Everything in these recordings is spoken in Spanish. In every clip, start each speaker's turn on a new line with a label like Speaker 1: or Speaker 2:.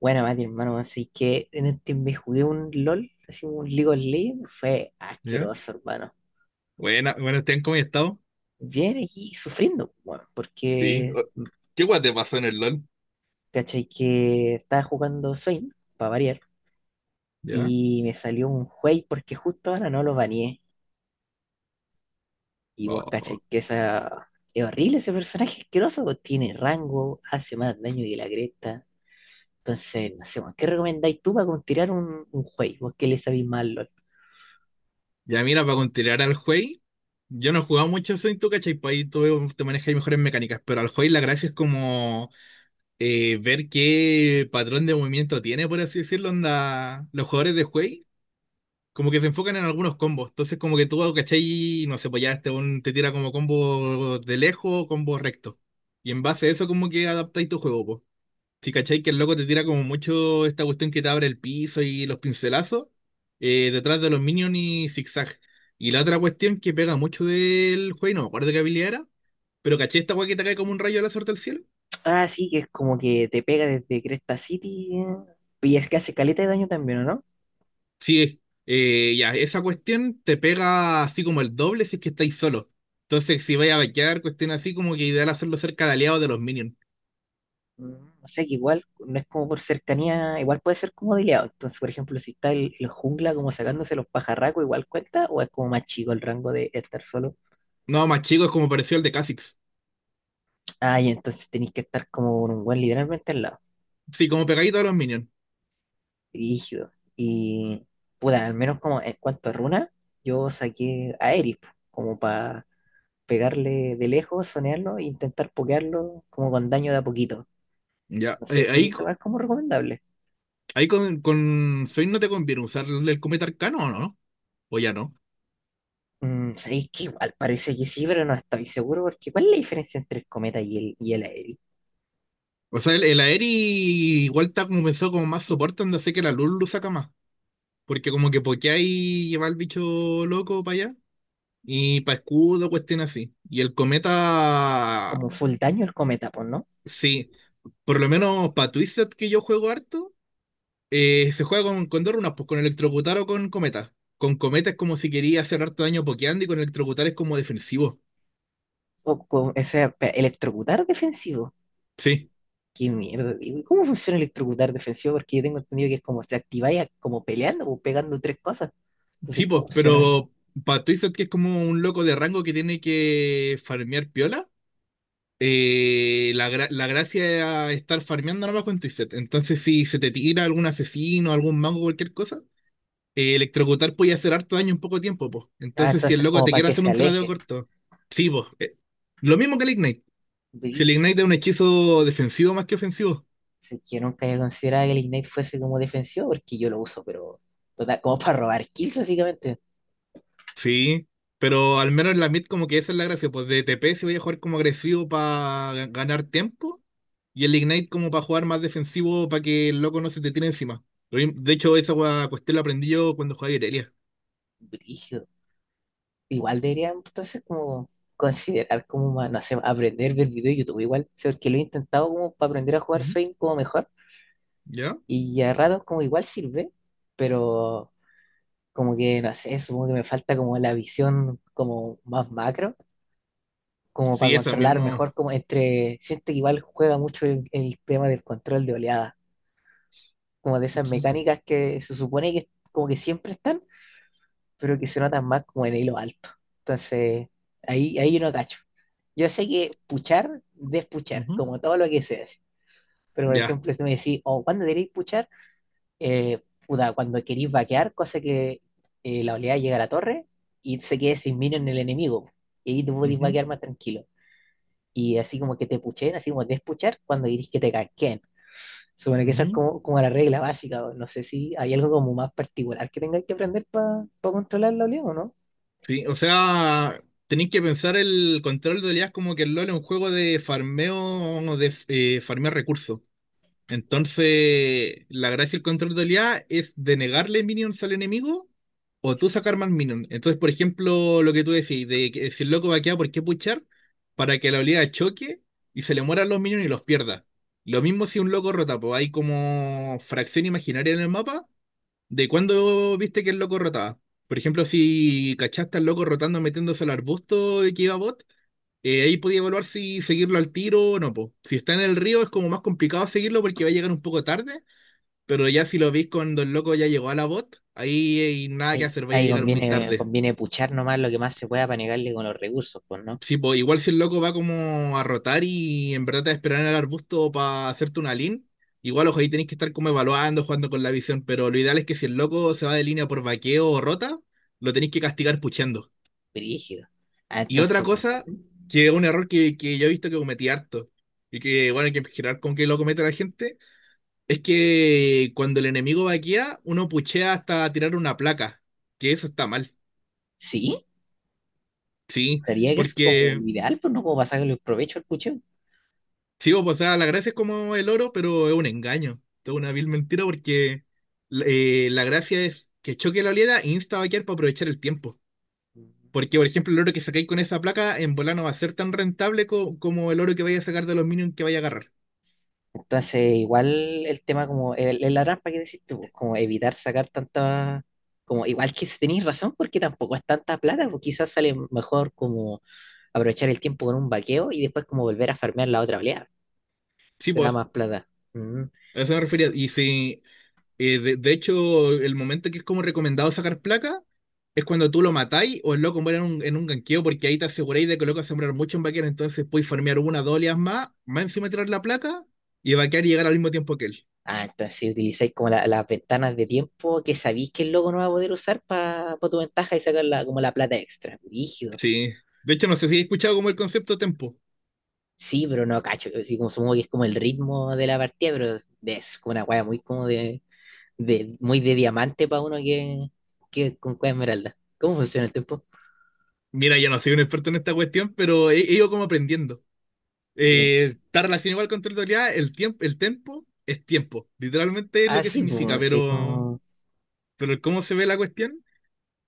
Speaker 1: Bueno, Mati, hermano, así que en este me jugué un LOL, así un League of Legends, fue
Speaker 2: ¿Ya?
Speaker 1: asqueroso, hermano.
Speaker 2: Buena, bueno, Esteban, ¿cómo has estado?
Speaker 1: Bien aquí sufriendo, bueno,
Speaker 2: Sí.
Speaker 1: porque,
Speaker 2: o- ¿Qué guay te pasó en el LOL?
Speaker 1: ¿cachai? Que estaba jugando Swain, para variar,
Speaker 2: ¿Ya?
Speaker 1: y me salió un juez porque justo ahora no lo baneé. Y vos,
Speaker 2: Oh.
Speaker 1: ¿cachai? Que esa... es horrible ese personaje asqueroso, pues, tiene rango, hace más daño que la cresta. Entonces, no sé, weón, ¿qué recomendáis tú para como tirar un juez? ¿Vos qué le sabéis mal?
Speaker 2: Ya mira, para continuar al juez, yo no he jugado mucho Sonic, tú, ¿cachai? Pues ahí tú te manejas y mejores mecánicas, pero al juez la gracia es como ver qué patrón de movimiento tiene, por así decirlo, onda, los jugadores de juez, como que se enfocan en algunos combos, entonces como que tú, ¿cachai? No sé, pues ya este un, te tira como combo de lejos o combo recto, y en base a eso como que adaptáis tu juego. Si cachai que el loco te tira como mucho esta cuestión que te abre el piso y los pincelazos detrás de los minions y zigzag. Y la otra cuestión que pega mucho del juego, y no me acuerdo qué habilidad era, pero caché esta weá que te cae como un rayo láser del cielo.
Speaker 1: Ah, sí, que es como que te pega desde Cresta City. Y es que hace caleta de daño también, ¿o no?
Speaker 2: Sí, ya, esa cuestión te pega así como el doble si es que estáis solo. Entonces, si vais a vaquear, cuestión así como que ideal hacerlo cerca de aliados de los minions.
Speaker 1: Mm, o sea que igual no es como por cercanía, igual puede ser como dileado. Entonces, por ejemplo, si está el jungla como sacándose los pajarracos, igual cuenta, o es como más chico el rango de estar solo.
Speaker 2: No, más chico es como pareció el de Kha'Zix.
Speaker 1: Ah, y entonces tenéis que estar como con un buen literalmente al lado,
Speaker 2: Sí, como pegadito a los minions.
Speaker 1: rígido. Y puta, al menos como en cuanto a runa, yo saqué a Eric, como para pegarle de lejos, sonearlo e intentar pokearlo como con daño de a poquito.
Speaker 2: Ya,
Speaker 1: No sé si
Speaker 2: ahí
Speaker 1: esa weá es como recomendable.
Speaker 2: Ahí con Zoid no te conviene usar el cometa arcano, ¿o no? O ya no.
Speaker 1: Mm, sabéis que igual parece que sí, pero no estoy seguro, porque ¿cuál es la diferencia entre el cometa y el aéreo?
Speaker 2: O sea, el Aeri igual está como pensado como más soporte, donde sé que la luz lo saca más. Porque como que pokea y lleva al bicho loco para allá. Y para escudo, cuestión así. Y el cometa,
Speaker 1: Como full daño el cometa, pues, ¿no?
Speaker 2: sí. Por lo menos para Twisted, que yo juego harto, se juega con dos runas, pues con electrocutar o con cometa. Con cometa es como si quería hacer harto daño pokeando y con electrocutar es como defensivo.
Speaker 1: O con ese electrocutar defensivo.
Speaker 2: Sí.
Speaker 1: Qué mierda. ¿Cómo funciona el electrocutar defensivo? Porque yo tengo entendido que es como se activáis como peleando o pegando tres cosas. Entonces,
Speaker 2: Sí,
Speaker 1: ¿cómo
Speaker 2: pues,
Speaker 1: funciona?
Speaker 2: pero para Twisted, que es como un loco de rango que tiene que farmear piola, la gracia es estar farmeando nada más con Twisted. Entonces, si se te tira algún asesino, algún mago, cualquier cosa, electrocutar puede hacer harto daño en poco tiempo, pues.
Speaker 1: Ah,
Speaker 2: Entonces, si el
Speaker 1: entonces
Speaker 2: loco
Speaker 1: como
Speaker 2: te
Speaker 1: para
Speaker 2: quiere
Speaker 1: que
Speaker 2: hacer
Speaker 1: se
Speaker 2: un tradeo
Speaker 1: aleje.
Speaker 2: corto, sí, pues. Lo mismo que el Ignite. Si el
Speaker 1: Brígido.
Speaker 2: Ignite es un hechizo defensivo más que ofensivo.
Speaker 1: Sí, que yo nunca había considerado que el Ignite fuese como defensivo, porque yo lo uso, pero total, como para robar kills, básicamente.
Speaker 2: Sí, pero al menos en la mid como que esa es la gracia, pues de TP si voy a jugar como agresivo para ganar tiempo y el Ignite como para jugar más defensivo para que el loco no se te tire encima. Lo mismo- De hecho, esa cuestión la aprendí yo cuando jugaba Irelia.
Speaker 1: Brígido. Igual deberían entonces como considerar como, no sé, aprender del video de YouTube igual, sí, porque lo he intentado como para aprender a jugar
Speaker 2: Ujú.
Speaker 1: Swing como mejor
Speaker 2: ¿Ya?
Speaker 1: y a ratos como igual sirve, pero como que, no sé, supongo que me falta como la visión como más macro, como para
Speaker 2: Sí, eso
Speaker 1: controlar
Speaker 2: mismo.
Speaker 1: mejor como entre, siento que igual juega mucho el tema del control de oleada, como de esas mecánicas que se supone que como que siempre están pero que se notan más como en hilo alto. Entonces, ahí yo no cacho. Yo sé que puchar, despuchar,
Speaker 2: Ujú.
Speaker 1: como todo lo que se hace. Pero, por
Speaker 2: Ya.
Speaker 1: ejemplo, si me decís, oh, ¿cuándo queréis puchar? Puta, cuando queréis vaquear, cosa que la oleada llega a la torre y se quede sin minion en el enemigo. Y ahí te podéis
Speaker 2: Ujú.
Speaker 1: vaquear más tranquilo. Y así como que te puchen, así como despuchar, cuando queréis que te casquen. Supone que esa es
Speaker 2: Ujú.
Speaker 1: como, como la regla básica. O no sé si hay algo como más particular que tengáis que aprender para controlar la oleada o no.
Speaker 2: Sí, o sea, tenéis que pensar el control de oleadas como que el LoL es un juego de farmeo, de farmear recursos. Entonces, la gracia del control de oleada es denegarle minions al enemigo o tú sacar más minions. Entonces, por ejemplo, lo que tú decís, de que si el loco va a quedar, ¿por qué puchar? Para que la oleada choque y se le mueran los minions y los pierda. Lo mismo si un loco rota, pues hay como fracción imaginaria en el mapa de cuando viste que el loco rotaba. Por ejemplo, si cachaste al loco rotando metiéndose al arbusto y que iba bot, ahí podía evaluar si seguirlo al tiro o no, po. Si está en el río es como más complicado seguirlo porque va a llegar un poco tarde, pero ya si lo veis cuando el loco ya llegó a la bot, ahí hay nada que
Speaker 1: Ahí,
Speaker 2: hacer, vaya a
Speaker 1: ahí
Speaker 2: llegar muy
Speaker 1: conviene,
Speaker 2: tarde.
Speaker 1: conviene puchar nomás lo que más se pueda para negarle con los recursos, pues, ¿no?
Speaker 2: Sí, po, igual si el loco va como a rotar y en verdad te va a esperar en el arbusto para hacerte una lean, igual ojo, ahí tenéis que estar como evaluando, jugando con la visión, pero lo ideal es que si el loco se va de línea por vaqueo o rota, lo tenéis que castigar puchando.
Speaker 1: Brígido. Ah,
Speaker 2: Y otra
Speaker 1: entonces,
Speaker 2: cosa, que es un error que yo he visto que cometí harto, y que bueno, hay que girar con que lo comete la gente, es que cuando el enemigo vaquea, uno puchea hasta tirar una placa, que eso está mal,
Speaker 1: sí,
Speaker 2: sí,
Speaker 1: sería que eso es como
Speaker 2: porque
Speaker 1: lo ideal, pues, ¿no? Como para sacarle el provecho al pucheo.
Speaker 2: sí, pues, o sea, la gracia es como el oro, pero es un engaño, es una vil mentira porque la gracia es que choque la oleada e insta a vaquear para aprovechar el tiempo. Porque, por ejemplo, el oro que sacáis con esa placa en volano va a ser tan rentable como el oro que vaya a sacar de los minions que vaya a agarrar.
Speaker 1: Entonces, igual el tema como, la trampa que decís tú, pues, como evitar sacar tanta, como igual que si tenéis razón, porque tampoco es tanta plata, pues quizás sale mejor como aprovechar el tiempo con un vaqueo y después como volver a farmear la otra oleada,
Speaker 2: Sí,
Speaker 1: te da
Speaker 2: pues,
Speaker 1: más plata. Mm.
Speaker 2: a eso me refería. Y si, de hecho, el momento que es como recomendado sacar placa es cuando tú lo matáis o el loco muere en un ganqueo, porque ahí te aseguráis de que el loco va a sembrar mucho en vaquero, entonces podéis farmear una, dos oleadas más, más encima tirar la placa y vaquear y llegar al mismo tiempo que él.
Speaker 1: Ah, entonces si utilizáis como las ventanas de tiempo que sabéis que el loco no va a poder usar para tu ventaja y sacar la, como la plata extra. Rígido.
Speaker 2: Sí. De hecho, no sé si he escuchado como el concepto tempo.
Speaker 1: Sí, pero no cacho. Así como supongo que es como el ritmo de la partida, pero es como una wea muy como de, muy de diamante para uno que con cueva esmeralda. ¿Cómo funciona el tiempo?
Speaker 2: Mira, yo no soy un experto en esta cuestión, pero he ido como aprendiendo.
Speaker 1: Miren.
Speaker 2: Está relacionado igual con territorialidad, el tiempo, el tempo es tiempo. Literalmente es lo
Speaker 1: Ah,
Speaker 2: que
Speaker 1: sí,
Speaker 2: significa,
Speaker 1: pues, sí, como...
Speaker 2: pero cómo se ve la cuestión.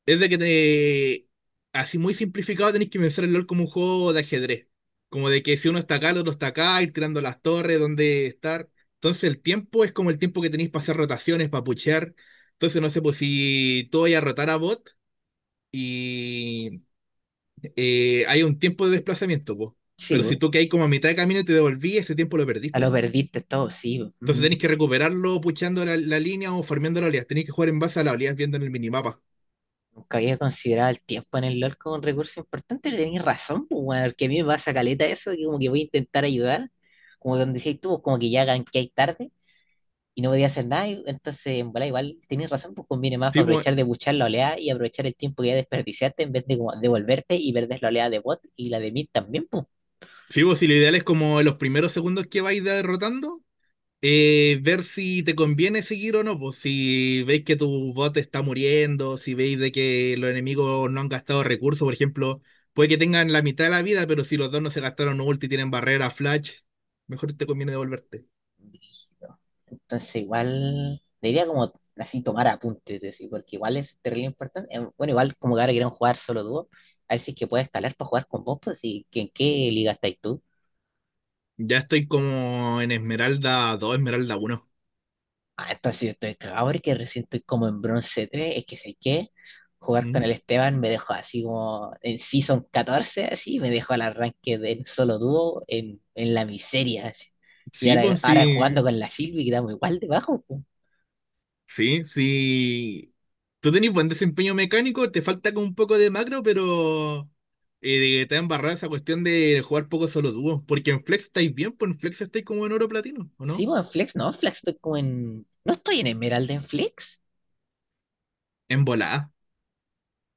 Speaker 2: Es de que te. Así muy simplificado tenés que pensar el LOL como un juego de ajedrez. Como de que si uno está acá, el otro está acá, ir tirando las torres, dónde estar. Entonces el tiempo es como el tiempo que tenéis para hacer rotaciones, para puchear. Entonces no sé, pues si tú vayas a rotar a bot y hay un tiempo de desplazamiento, pues.
Speaker 1: sí,
Speaker 2: Pero
Speaker 1: pues.
Speaker 2: si tú que hay como a mitad de camino y te devolví, ese tiempo lo
Speaker 1: A lo
Speaker 2: perdiste.
Speaker 1: perdiste todo, sí, pues.
Speaker 2: Entonces tenéis que recuperarlo puchando la, la línea o farmeando la oleadas. Tenéis que jugar en base a las oleadas viendo en el minimapa.
Speaker 1: Nunca había considerado el tiempo en el LOL como un recurso importante, pero tenéis razón, pues, weón, porque a mí me pasa caleta eso, que como que voy a intentar ayudar, como donde decís tú, pues, como que ya hay tarde y no podía hacer nada, y entonces, en bola, igual tenéis razón, pues conviene más
Speaker 2: Sí, pues,
Speaker 1: aprovechar de buchar la oleada y aprovechar el tiempo que ya desperdiciaste en vez de como devolverte y perder la oleada de bot y la de mid también,
Speaker 2: sí, vos, si lo ideal es como en los primeros segundos que vais derrotando, ver si te conviene seguir o no, pues si veis que tu bot está muriendo, si veis de que los enemigos no han gastado recursos, por ejemplo, puede que tengan la mitad de la vida, pero si los dos no se gastaron ulti y tienen barrera, flash, mejor te conviene devolverte.
Speaker 1: pues. Entonces, igual, diría como así tomar apuntes, decir, porque igual es terrible importante. Bueno, igual como que ahora quieren jugar solo dúo, a ver si es que puedes escalar para jugar con vos, pues, y que en qué liga estáis tú.
Speaker 2: Ya estoy como en Esmeralda 2 Esmeralda uno.
Speaker 1: Ah, entonces si yo estoy cagado porque recién estoy como en bronce 3 es que sé qué, jugar con
Speaker 2: ¿Mm?
Speaker 1: el Esteban me dejó así como en Season 14 así, me dejó al arranque del solo dúo en la miseria, así. Y
Speaker 2: Sí,
Speaker 1: ahora,
Speaker 2: pues
Speaker 1: ahora jugando
Speaker 2: sí.
Speaker 1: con la Silvi quedamos igual debajo,
Speaker 2: Sí, sí. Tú tenés buen desempeño mecánico, te falta como un poco de macro, pero te ha embarrado esa cuestión de jugar poco solo dúo. Porque en Flex estáis bien, pues en Flex estáis como en oro platino, ¿o
Speaker 1: sí,
Speaker 2: no?
Speaker 1: bueno, en Flex, no, en Flex estoy como en... No estoy en Emerald en Flex.
Speaker 2: En volada.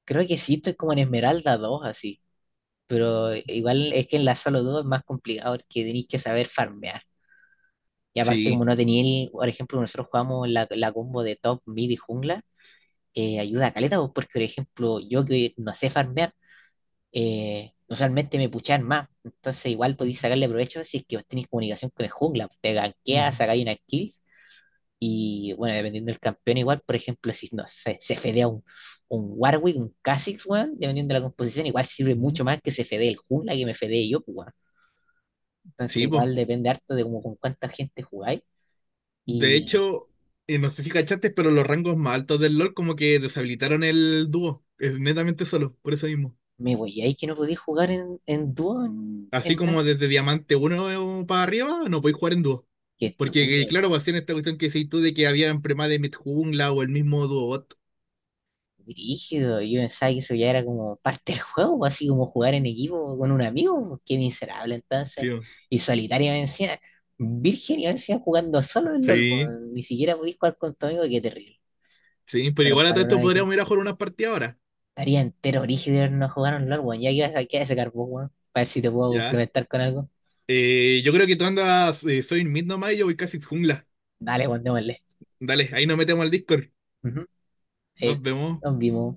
Speaker 1: Creo que sí, estoy como en Esmeralda 2 así. Pero igual es que en la Solo 2 es más complicado porque tenéis que saber farmear. Y aparte, como
Speaker 2: Sí.
Speaker 1: no tenía el, por ejemplo, nosotros jugamos la combo de top, mid y jungla, ayuda a caleta, pues, porque, por ejemplo, yo que no sé farmear, usualmente me puchan más. Entonces, igual podéis
Speaker 2: Ujú,
Speaker 1: sacarle provecho si es que tenéis comunicación con el jungla. Te ganqueas,
Speaker 2: ujú,
Speaker 1: sacáis una kill y bueno, dependiendo del campeón, igual, por ejemplo, si no sé, se fedea un Warwick, un Kha'Zix, weón, dependiendo de la composición, igual sirve
Speaker 2: ujú.
Speaker 1: mucho más que se fedee el jungla que me fedee yo, pues, weón. Entonces,
Speaker 2: Sí, pues.
Speaker 1: igual depende harto de como con cuánta gente jugáis.
Speaker 2: De
Speaker 1: Y
Speaker 2: hecho, no sé si cachaste, pero los rangos más altos del LoL como que deshabilitaron el dúo. Es netamente solo, por eso mismo.
Speaker 1: me voy, ahí que no podéis jugar en dúo en,
Speaker 2: Así
Speaker 1: en
Speaker 2: como desde Diamante uno para arriba, no podéis jugar en dúo.
Speaker 1: qué
Speaker 2: Porque,
Speaker 1: estúpido.
Speaker 2: claro, va a ser esta cuestión que decís tú de que habían prema de Midjungla o el mismo Duobot.
Speaker 1: Brígido, yo pensaba que eso ya era como parte del juego, pues, así como jugar en equipo con un amigo, pues, qué miserable entonces.
Speaker 2: Sí,
Speaker 1: Y solitario me decía, virgen, y me decía jugando solo en LOL, pues,
Speaker 2: sí,
Speaker 1: ni siquiera podías jugar con tu amigo, qué terrible.
Speaker 2: sí, pero
Speaker 1: Menos
Speaker 2: igual a
Speaker 1: mal
Speaker 2: todo
Speaker 1: uno
Speaker 2: esto
Speaker 1: de que
Speaker 2: podríamos ir a jugar unas partidas ahora.
Speaker 1: estaría entero brígido de habernos jugado en LOL, weón, ya que vas a quedar ese carbón, weón, para ver si te puedo
Speaker 2: Ya.
Speaker 1: complementar con algo.
Speaker 2: Yo creo que tú andas, soy mid nomás y yo voy casi jungla.
Speaker 1: Dale, weón, démosle.
Speaker 2: Dale, ahí nos metemos al Discord.
Speaker 1: Ujú.
Speaker 2: Nos
Speaker 1: Eh,
Speaker 2: vemos.
Speaker 1: nos vimos.